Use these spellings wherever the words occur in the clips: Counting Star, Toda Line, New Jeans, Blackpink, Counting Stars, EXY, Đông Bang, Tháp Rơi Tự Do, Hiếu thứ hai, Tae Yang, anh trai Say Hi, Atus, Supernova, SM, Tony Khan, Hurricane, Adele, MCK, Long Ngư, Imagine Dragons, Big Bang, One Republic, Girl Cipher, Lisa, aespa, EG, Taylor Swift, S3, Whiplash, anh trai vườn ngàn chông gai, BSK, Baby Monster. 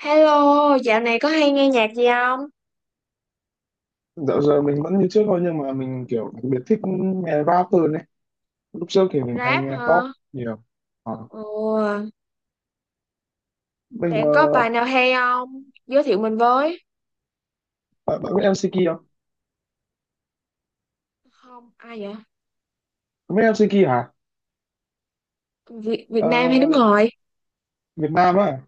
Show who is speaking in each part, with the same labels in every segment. Speaker 1: Hello, dạo này có hay nghe nhạc gì không?
Speaker 2: Dạo giờ mình vẫn như trước thôi nhưng mà mình kiểu đặc biệt thích nghe rap hơn đấy. Lúc trước thì mình hay
Speaker 1: Rap
Speaker 2: nghe pop
Speaker 1: hả?
Speaker 2: nhiều. Ờ.
Speaker 1: Ồ,
Speaker 2: Mình
Speaker 1: bạn có bài nào hay không? Giới thiệu mình với.
Speaker 2: Bạn biết MCK không?
Speaker 1: Không, ai vậy?
Speaker 2: Bạn biết MCK hả?
Speaker 1: Việt, Việt
Speaker 2: Ờ,
Speaker 1: Nam hay nước ngoài?
Speaker 2: Việt Nam á,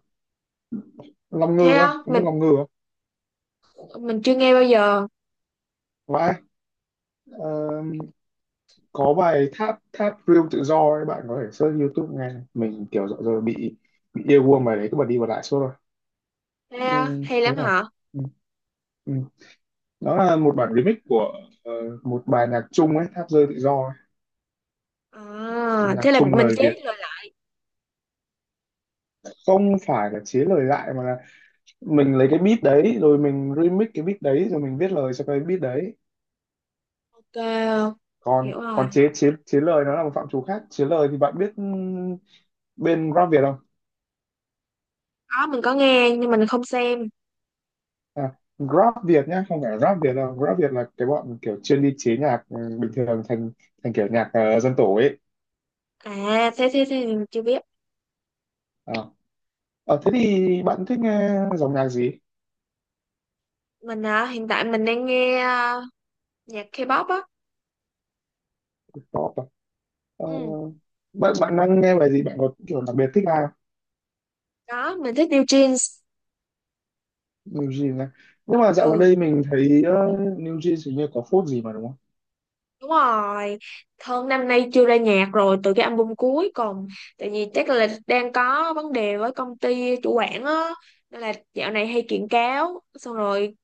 Speaker 2: Long
Speaker 1: Thế
Speaker 2: Ngư á,
Speaker 1: á,
Speaker 2: không biết
Speaker 1: mình
Speaker 2: Long Ngư không?
Speaker 1: mình chưa nghe bao giờ.
Speaker 2: Vãi, ờ, có bài Tháp Tháp Real Tự Do ấy, bạn có thể search YouTube nghe. Mình kiểu dạo giờ bị yêu guông bài đấy cứ bật đi bật lại suốt rồi.
Speaker 1: Thế
Speaker 2: Ừ,
Speaker 1: á, hay
Speaker 2: đấy
Speaker 1: lắm
Speaker 2: là
Speaker 1: hả?
Speaker 2: ừ, ừ. Đó là một bản remix của ờ, một bài nhạc Trung ấy, Tháp Rơi Tự Do ấy.
Speaker 1: À,
Speaker 2: Nhạc
Speaker 1: thế là
Speaker 2: Trung
Speaker 1: mình
Speaker 2: lời
Speaker 1: chết
Speaker 2: Việt
Speaker 1: rồi lại.
Speaker 2: không phải là chế lời lại mà là mình lấy cái beat đấy rồi mình remix cái beat đấy rồi mình viết lời cho cái beat đấy,
Speaker 1: Ok,
Speaker 2: còn
Speaker 1: hiểu rồi.
Speaker 2: còn chế chế chế lời nó là một phạm trù khác. Chế lời thì bạn biết bên rap Việt không?
Speaker 1: Có, mình có nghe nhưng mình không xem.
Speaker 2: À, rap Việt nhá, không phải rap Việt đâu, rap Việt là cái bọn kiểu chuyên đi chế nhạc bình thường thành thành kiểu nhạc dân tổ ấy.
Speaker 1: À, thế thế thế thì mình chưa biết.
Speaker 2: À. Ờ, thế thì bạn thích nghe dòng nhạc gì?
Speaker 1: Mình hiện tại mình đang nghe nhạc K-pop á.
Speaker 2: Pop à? Ờ,
Speaker 1: Ừ,
Speaker 2: bạn bạn đang nghe bài gì, bạn có kiểu đặc biệt thích ai?
Speaker 1: đó, mình thích New Jeans.
Speaker 2: New Jeans á. Nhưng mà dạo gần
Speaker 1: Ừ.
Speaker 2: đây mình thấy New Jeans hình như có phốt gì mà đúng
Speaker 1: Đúng rồi, Thơm năm nay chưa ra nhạc rồi từ cái album cuối, còn tại vì chắc là đang có vấn đề với công ty chủ quản á, nên là dạo này hay kiện cáo. Xong rồi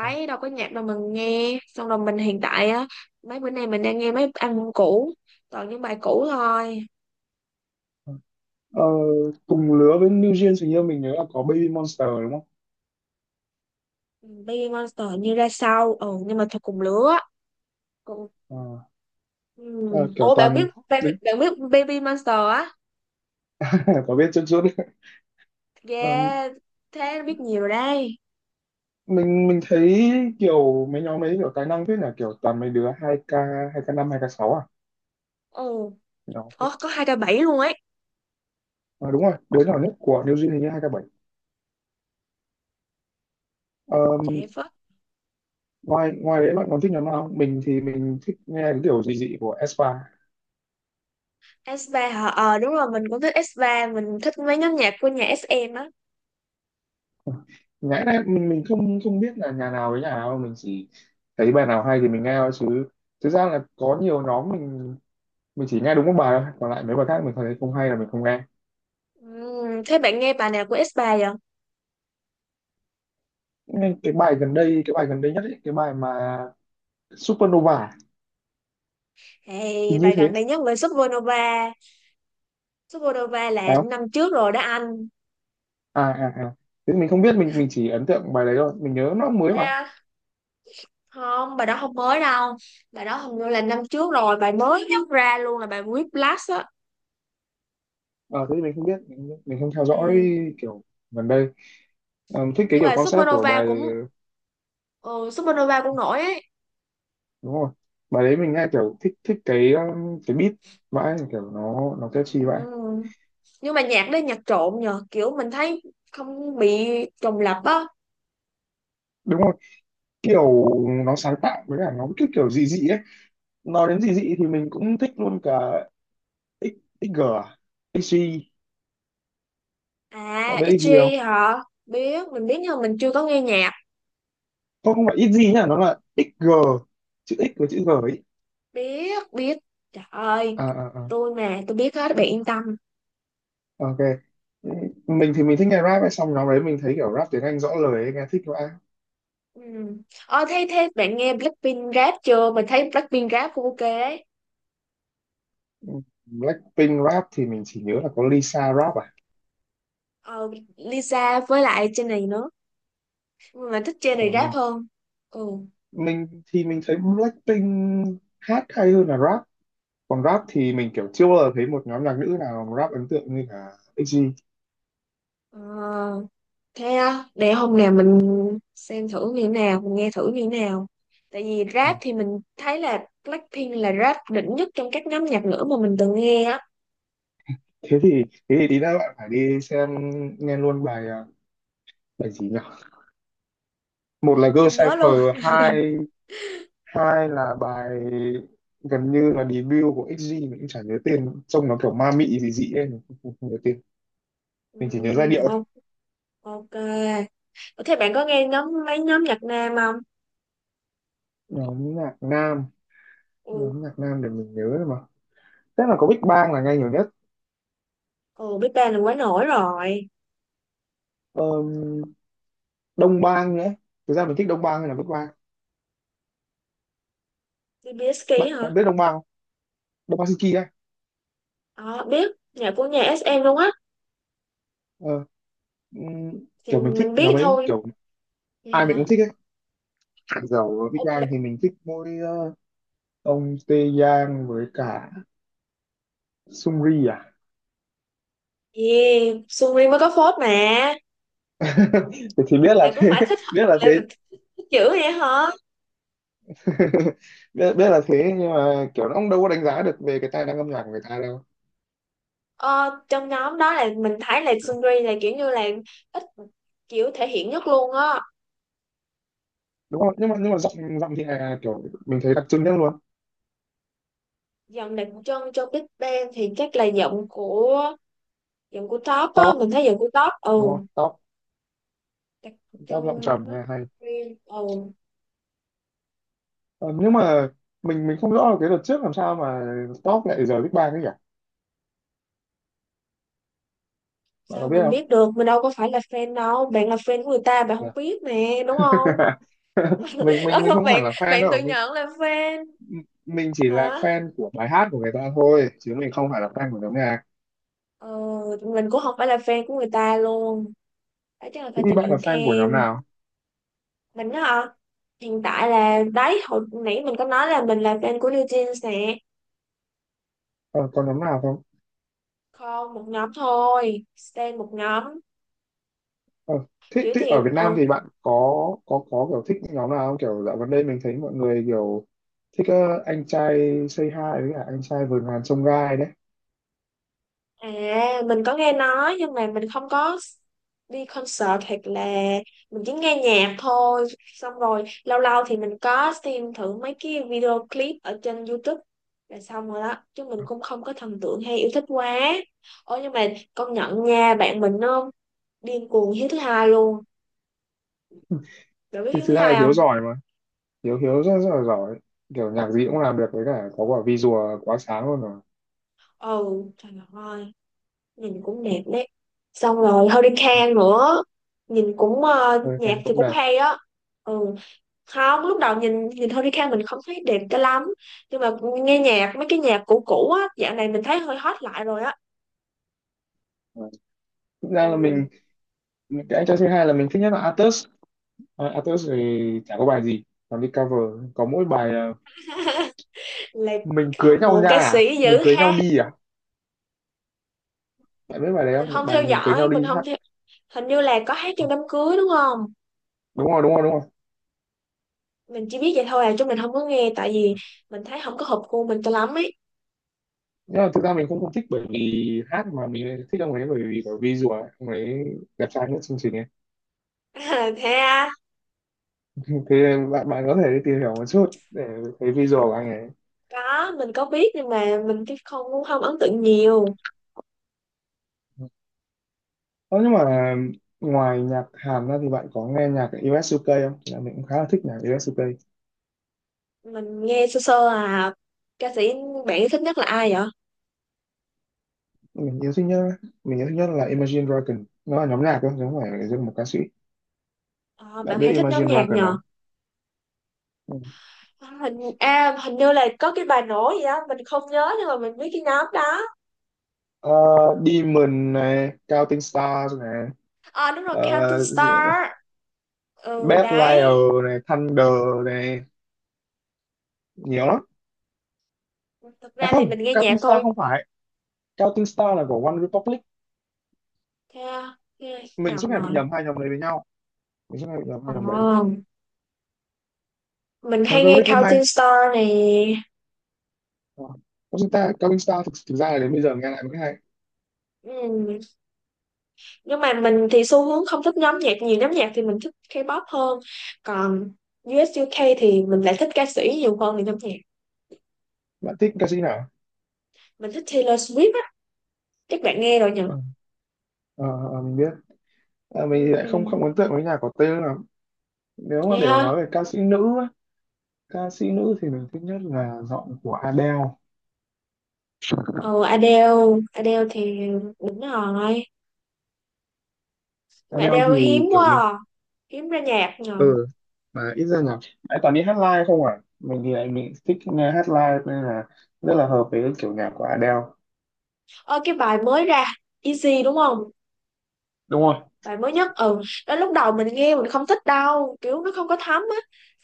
Speaker 2: không?
Speaker 1: đâu có nhạc đâu. Mình nghe xong rồi. Mình hiện tại á, mấy bữa nay mình đang nghe mấy album cũ, toàn những bài cũ thôi.
Speaker 2: Ờ, cùng lứa với New Jeans hình như mình nhớ là có Baby Monster đúng không?
Speaker 1: Ừ, Baby Monster như ra sau ừ, nhưng mà thật cùng lứa, cùng ừ.
Speaker 2: Ờ, ờ, kiểu
Speaker 1: Ủa bạn biết,
Speaker 2: toàn
Speaker 1: bạn,
Speaker 2: đứng
Speaker 1: bạn biết Baby Monster á,
Speaker 2: có biết chút chút. Ờ,
Speaker 1: yeah, thế biết nhiều rồi đây.
Speaker 2: mình thấy kiểu mấy nhóm ấy kiểu tài năng, thế là kiểu toàn mấy đứa 2K, 2K5, 2K6 à.
Speaker 1: Ừ.
Speaker 2: Đó.
Speaker 1: Ồ, có 2K7 luôn ấy.
Speaker 2: Ờ, đúng rồi, đứa nhỏ nhất của New Jeans hình như 2K7. Ờ,
Speaker 1: Trẻ Phất.
Speaker 2: ngoài ngoài đấy bạn còn thích nhóm nào không? Mình thì mình thích nghe cái kiểu dị dị của aespa.
Speaker 1: S3 hả? Ờ đúng rồi, mình cũng thích S3. Mình thích mấy nhóm nhạc của nhà SM á.
Speaker 2: Ngã đấy mình không không biết là nhà nào với nhà nào, mình chỉ thấy bài nào hay thì mình nghe thôi, chứ thực ra là có nhiều nhóm mình chỉ nghe đúng một bài thôi, còn lại mấy bài khác mình thấy không hay là mình không nghe.
Speaker 1: Thế bạn nghe bài nào của S3 vậy?
Speaker 2: Nên cái bài gần đây nhất ấy, cái bài mà Supernova thì
Speaker 1: Hey,
Speaker 2: như
Speaker 1: bài
Speaker 2: thế
Speaker 1: gần đây nhất về Supernova. Supernova là
Speaker 2: phải không?
Speaker 1: năm trước rồi đó anh.
Speaker 2: À, à, à, thế mình không biết, mình chỉ ấn tượng bài đấy thôi, mình nhớ nó mới
Speaker 1: Thế
Speaker 2: mà.
Speaker 1: á? Không, bài đó không mới đâu. Bài đó hình như là năm trước rồi. Bài mới nhất ra luôn là bài Whiplash á.
Speaker 2: Ờ, thế thì mình không biết mình không theo dõi
Speaker 1: Ừm,
Speaker 2: kiểu gần đây. Ờ, thích cái
Speaker 1: Nhưng
Speaker 2: kiểu
Speaker 1: mà
Speaker 2: concept của
Speaker 1: Supernova
Speaker 2: bài.
Speaker 1: cũng ừ, Supernova cũng nổi ấy.
Speaker 2: Đúng rồi, bài đấy mình nghe kiểu thích thích cái beat vãi, kiểu nó catchy vậy.
Speaker 1: Ừm, Nhưng mà nhạc đấy nhạc trộn nhờ. Kiểu mình thấy không bị trùng lặp á.
Speaker 2: Đúng rồi, kiểu nó sáng tạo với cả nó cái kiểu dị dị ấy. Nói đến dị dị thì mình cũng thích luôn cả X XG à? XG,
Speaker 1: À,
Speaker 2: bạn biết XG không
Speaker 1: EG hả? Biết, mình biết nhưng mà mình chưa có nghe nhạc.
Speaker 2: không Không phải XG nhá, nó là XG, chữ X với chữ G ấy.
Speaker 1: Biết, biết. Trời ơi,
Speaker 2: À, à, à.
Speaker 1: tôi mà, tôi biết hết, bạn yên tâm.
Speaker 2: Ok, mình thì mình thích nghe rap ấy, xong nó đấy mình thấy kiểu rap tiếng Anh rõ lời ấy, nghe thích vãi.
Speaker 1: Ừ. Ờ, thế bạn nghe Blackpink rap chưa? Mình thấy Blackpink rap cũng ok ấy.
Speaker 2: Blackpink rap thì mình chỉ nhớ là có Lisa rap à.
Speaker 1: Ờ, Lisa với lại trên này nữa. Nhưng mà mình thích trên
Speaker 2: Ờ,
Speaker 1: này
Speaker 2: mình
Speaker 1: rap hơn. Ừ.
Speaker 2: mình thì mình thấy Blackpink hát hay hơn là rap, còn rap thì mình kiểu chưa bao giờ thấy một nhóm nhạc nữ nào rap ấn tượng như cả EXY.
Speaker 1: Ờ, thế á, để hôm nào mình xem thử như thế nào, mình nghe thử như thế nào. Tại vì
Speaker 2: Ờ,
Speaker 1: rap thì mình thấy là Blackpink là rap đỉnh nhất trong các nhóm nhạc nữ mà mình từng nghe á.
Speaker 2: thế thì tí nữa bạn phải đi xem, nghe luôn bài bài gì nhỉ, một là Girl
Speaker 1: Không nhớ
Speaker 2: Cipher,
Speaker 1: luôn.
Speaker 2: hai hai là bài gần như là debut của EXY, mình cũng chả nhớ tên, trông nó kiểu ma mị gì dị ấy, mình không nhớ tên,
Speaker 1: Ừ,
Speaker 2: mình chỉ nhớ giai điệu thôi.
Speaker 1: ok. Ok. Ủa, thế bạn có nghe nhóm mấy nhóm nhạc nam không?
Speaker 2: Nhóm nhạc nam,
Speaker 1: Ừ,
Speaker 2: nhóm nhạc nam để mình nhớ thôi mà, chắc là có Big Bang là nghe nhiều
Speaker 1: ừ Big Bang là quá nổi rồi.
Speaker 2: nhất. Đông Bang nữa, thực ra mình thích Đông Bang hay là Bắc Bang,
Speaker 1: BSK
Speaker 2: bạn
Speaker 1: hả?
Speaker 2: bạn biết Đông Bang không? Đông Bang Suzuki ấy.
Speaker 1: Ờ, biết. Nhạc của nhà SM luôn á.
Speaker 2: ờ,
Speaker 1: Thì
Speaker 2: Kiểu mình thích
Speaker 1: mình
Speaker 2: nhóm
Speaker 1: biết
Speaker 2: ấy,
Speaker 1: thôi.
Speaker 2: kiểu
Speaker 1: Vậy
Speaker 2: ai mình cũng
Speaker 1: hả?
Speaker 2: thích ấy, dầu Big
Speaker 1: Ok.
Speaker 2: Bang thì mình thích mỗi ông Tae Yang với cả Sungri à.
Speaker 1: Yeah, Suri mới có phốt mà.
Speaker 2: Thì biết là
Speaker 1: Là có
Speaker 2: thế.
Speaker 1: phải thích,
Speaker 2: Biết là
Speaker 1: là
Speaker 2: thế.
Speaker 1: thích dữ vậy hả?
Speaker 2: Biết là thế, nhưng mà kiểu nó cũng đâu có đánh giá được về cái tài năng âm nhạc của người ta đâu.
Speaker 1: Ờ, trong nhóm đó là mình thấy là Sungri là kiểu như là ít kiểu thể hiện nhất luôn á.
Speaker 2: Đúng không, nhưng mà giọng giọng thì là kiểu mình thấy đặc trưng nhất luôn.
Speaker 1: Dòng đặc trưng trong Big Bang thì chắc là giọng của top á,
Speaker 2: Top
Speaker 1: mình thấy giọng của top
Speaker 2: đúng
Speaker 1: ừ
Speaker 2: không? top
Speaker 1: đặc
Speaker 2: top giọng
Speaker 1: trưng
Speaker 2: trầm
Speaker 1: rất
Speaker 2: nghe hay.
Speaker 1: riêng. Ồ,
Speaker 2: Ờ, nhưng mà mình không rõ là cái đợt trước làm sao mà top lại giờ Big Bang ấy nhỉ, bạn
Speaker 1: sao
Speaker 2: có biết
Speaker 1: mình
Speaker 2: không?
Speaker 1: biết được, mình đâu có phải là fan đâu, bạn là fan của người ta bạn không biết nè đúng không?
Speaker 2: Mình không hẳn
Speaker 1: bạn
Speaker 2: là fan
Speaker 1: bạn tự
Speaker 2: đâu,
Speaker 1: nhận là fan
Speaker 2: mình chỉ là
Speaker 1: hả.
Speaker 2: fan của bài hát của người ta thôi, chứ mình không phải là fan của nhóm nhạc.
Speaker 1: Ờ, mình cũng không phải là fan của người ta luôn, đó chắc là
Speaker 2: Thế
Speaker 1: phải
Speaker 2: thì
Speaker 1: tìm
Speaker 2: bạn là
Speaker 1: hiểu
Speaker 2: fan của nhóm
Speaker 1: thêm.
Speaker 2: nào?
Speaker 1: Mình á hả, hiện tại là đấy hồi nãy mình có nói là mình là fan của New Jeans nè.
Speaker 2: Ờ, có nhóm nào không?
Speaker 1: Không, một nhóm thôi, stan một nhóm.
Speaker 2: Ờ, thế,
Speaker 1: Kiểu
Speaker 2: ở
Speaker 1: thì
Speaker 2: Việt Nam
Speaker 1: ừ.
Speaker 2: thì bạn có kiểu thích nhóm nào không, kiểu dạo gần đây mình thấy mọi người kiểu thích anh trai Say Hi với cả anh trai vườn ngàn chông gai đấy.
Speaker 1: À, mình có nghe nói nhưng mà mình không có đi concert, hoặc là mình chỉ nghe nhạc thôi. Xong rồi lâu lâu thì mình có xem thử mấy cái video clip ở trên YouTube là xong rồi đó. Chứ mình cũng không có thần tượng hay yêu thích quá. Ôi nhưng mà công nhận nha, bạn mình nó điên cuồng Hiếu thứ hai luôn. Bạn biết
Speaker 2: Thì
Speaker 1: Hiếu thứ
Speaker 2: thực ra là
Speaker 1: hai
Speaker 2: Hiếu
Speaker 1: không?
Speaker 2: giỏi, Hiếu Hiếu rất, rất là giỏi, kiểu nhạc gì cũng làm được, với cả có quả visual quá sáng luôn rồi.
Speaker 1: Ừ, trời ơi, nhìn cũng đẹp đấy. Xong rồi Hurricane nữa, nhìn cũng
Speaker 2: Hơi
Speaker 1: nhạc
Speaker 2: khen
Speaker 1: thì
Speaker 2: cũng
Speaker 1: cũng
Speaker 2: đẹp.
Speaker 1: hay á. Ừ. Không, lúc đầu nhìn nhìn Tony Khan mình không thấy đẹp cho lắm, nhưng mà nghe nhạc mấy cái nhạc cũ cũ á dạo này mình thấy hơi hot lại rồi á.
Speaker 2: Ừ. Thực ra là mình,
Speaker 1: Ừ.
Speaker 2: cái anh trai thứ hai là mình thích nhất là Atus. À, Atus thì chả có bài gì, còn đi cover có mỗi bài là
Speaker 1: Là
Speaker 2: mình cưới
Speaker 1: hâm
Speaker 2: nhau
Speaker 1: mộ
Speaker 2: nha
Speaker 1: ca
Speaker 2: à?
Speaker 1: sĩ
Speaker 2: Mình
Speaker 1: dữ
Speaker 2: cưới nhau
Speaker 1: ha.
Speaker 2: đi à, bạn biết bài đấy
Speaker 1: Mình
Speaker 2: không,
Speaker 1: không
Speaker 2: bài
Speaker 1: theo
Speaker 2: mình cưới
Speaker 1: dõi,
Speaker 2: nhau
Speaker 1: mình
Speaker 2: đi
Speaker 1: không
Speaker 2: hát.
Speaker 1: theo. Hình như là có hát
Speaker 2: À,
Speaker 1: trong đám cưới đúng không?
Speaker 2: đúng rồi, đúng rồi, đúng rồi.
Speaker 1: Mình chỉ biết vậy thôi à, chứ mình không có nghe, tại vì mình thấy không có hợp gu mình cho lắm ấy.
Speaker 2: Nhưng mà thực ra mình cũng không thích bởi vì hát, mà mình lại thích ông ấy bởi vì có visual ấy. Ông ấy đẹp trai nhất chương trình ấy.
Speaker 1: Thế à,
Speaker 2: Thế bạn bạn có thể đi tìm hiểu một chút để thấy visual của anh ấy.
Speaker 1: có mình có biết nhưng mà mình cái không cũng không ấn tượng nhiều.
Speaker 2: Ờ, nhưng mà ngoài nhạc Hàn ra thì bạn có nghe nhạc US UK không? Là mình cũng khá là thích nhạc US UK.
Speaker 1: Mình nghe sơ sơ à. Ca sĩ bạn thích nhất là ai vậy?
Speaker 2: Mình yêu thích nhất mình yêu thích nhất là Imagine Dragon. Nó là nhóm nhạc thôi, chứ không phải là riêng một ca sĩ.
Speaker 1: Ờ,
Speaker 2: Bạn
Speaker 1: bạn
Speaker 2: biết
Speaker 1: hay thích nhóm
Speaker 2: Imagine
Speaker 1: nhạc
Speaker 2: Dragon
Speaker 1: nhờ.
Speaker 2: không? Ừ.
Speaker 1: Hình à, hình như là có cái bài nổi gì đó mình không nhớ, nhưng mà mình biết cái nhóm đó.
Speaker 2: Ờ, Demon này, Counting Stars này,
Speaker 1: À đúng rồi, Counting
Speaker 2: gì nữa nhỉ?
Speaker 1: Star. Ừ
Speaker 2: Bad
Speaker 1: đấy,
Speaker 2: Liar này, Thunder này, nhiều lắm.
Speaker 1: thực
Speaker 2: À
Speaker 1: ra thì
Speaker 2: không,
Speaker 1: mình nghe nhạc
Speaker 2: Counting Star
Speaker 1: thôi.
Speaker 2: không phải. Counting Star là của One Republic.
Speaker 1: Thế à, nghe
Speaker 2: Mình suốt
Speaker 1: nhầm
Speaker 2: ngày bị
Speaker 1: rồi.
Speaker 2: nhầm hai nhóm đấy với nhau. Mình suốt ngày bị nhầm hai nhóm đấy.
Speaker 1: Còn mình
Speaker 2: One
Speaker 1: hay nghe
Speaker 2: Republic cũng hay.
Speaker 1: Counting Star này.
Speaker 2: Ờ. Có chúng ta Cao Minh Star thực ra là đến bây giờ nghe lại mới hay.
Speaker 1: Ừ. Nhưng mà mình thì xu hướng không thích nhóm nhạc, nhiều nhóm nhạc thì mình thích K-pop hơn. Còn US UK thì mình lại thích ca sĩ nhiều hơn là nhóm nhạc.
Speaker 2: Bạn thích ca sĩ nào?
Speaker 1: Mình thích Taylor Swift á, chắc bạn nghe rồi nhỉ.
Speaker 2: Ờ, ờ, ờ, mình biết. À, mình thì lại không,
Speaker 1: Ừ.
Speaker 2: ấn tượng với nhà có tên lắm. Nếu mà để
Speaker 1: Yeah.
Speaker 2: nói về ca sĩ nữ á, ca sĩ nữ thì mình thích nhất là giọng của Adele.
Speaker 1: Ừ Adele. Adele thì đúng rồi mà.
Speaker 2: Adele
Speaker 1: Adele hiếm
Speaker 2: thì kiểu
Speaker 1: quá
Speaker 2: mình,
Speaker 1: à. Hiếm ra nhạc nhờ.
Speaker 2: ừ mà ít ra là lại toàn đi hát live không à, mình thì lại mình thích nghe hát live, nên là rất là hợp với kiểu nhạc của Adele.
Speaker 1: Ơ cái bài mới ra Easy đúng không?
Speaker 2: Đúng rồi.
Speaker 1: Bài mới nhất ừ, đó lúc đầu mình nghe mình không thích đâu, kiểu nó không có thấm á.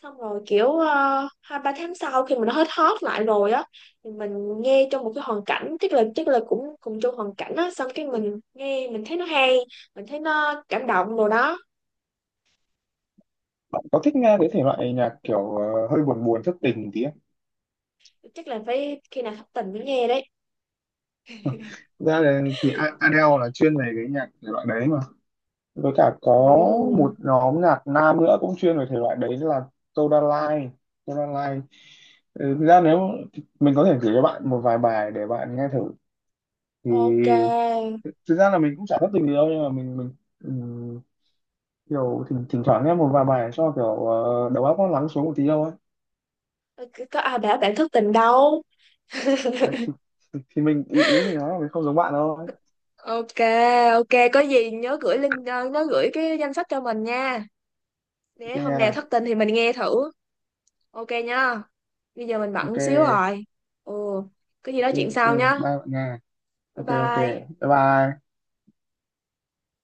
Speaker 1: Xong rồi kiểu ờ, hai ba tháng sau khi mình nó hết hot lại rồi á, thì mình nghe trong một cái hoàn cảnh, chắc là cũng cùng chung hoàn cảnh á, xong cái mình nghe mình thấy nó hay, mình thấy nó cảm động rồi đó.
Speaker 2: Bạn có thích nghe cái thể loại nhạc kiểu hơi buồn buồn thất tình một tí không?
Speaker 1: Chắc là phải khi nào thất tình mới nghe đấy.
Speaker 2: Thực ra là thì Adele là chuyên về cái nhạc thể loại đấy mà, với cả có
Speaker 1: Ừ.
Speaker 2: một nhóm nhạc nam nữa cũng chuyên về thể loại đấy là Toda Line. Toda Line. Ừ, thực ra nếu mình có thể gửi cho bạn một vài bài để bạn nghe thử thì
Speaker 1: Ok.
Speaker 2: thực ra là mình cũng chả thất tình gì đâu, nhưng mà mình ừm, kiểu thỉnh thoảng nghe một vài bài cho kiểu đầu óc nó lắng xuống một tí đâu ấy.
Speaker 1: Ừ, có à đã bạn thức tình đâu.
Speaker 2: Đấy, thì mình, ý ý mình nói là mình không giống bạn đâu ấy.
Speaker 1: Ok ok, có gì nhớ gửi link nhớ gửi cái danh sách cho mình nha,
Speaker 2: Ok
Speaker 1: để hôm nào
Speaker 2: nha.
Speaker 1: thất tình thì mình nghe thử. Ok nha. Bây giờ mình bận
Speaker 2: Ok.
Speaker 1: xíu rồi. Ừ, có gì
Speaker 2: Ok.
Speaker 1: nói chuyện
Speaker 2: Ok.
Speaker 1: sau
Speaker 2: Bye
Speaker 1: nhá.
Speaker 2: bạn nha.
Speaker 1: Bye
Speaker 2: Ok. Ok.
Speaker 1: bye.
Speaker 2: Bye bye.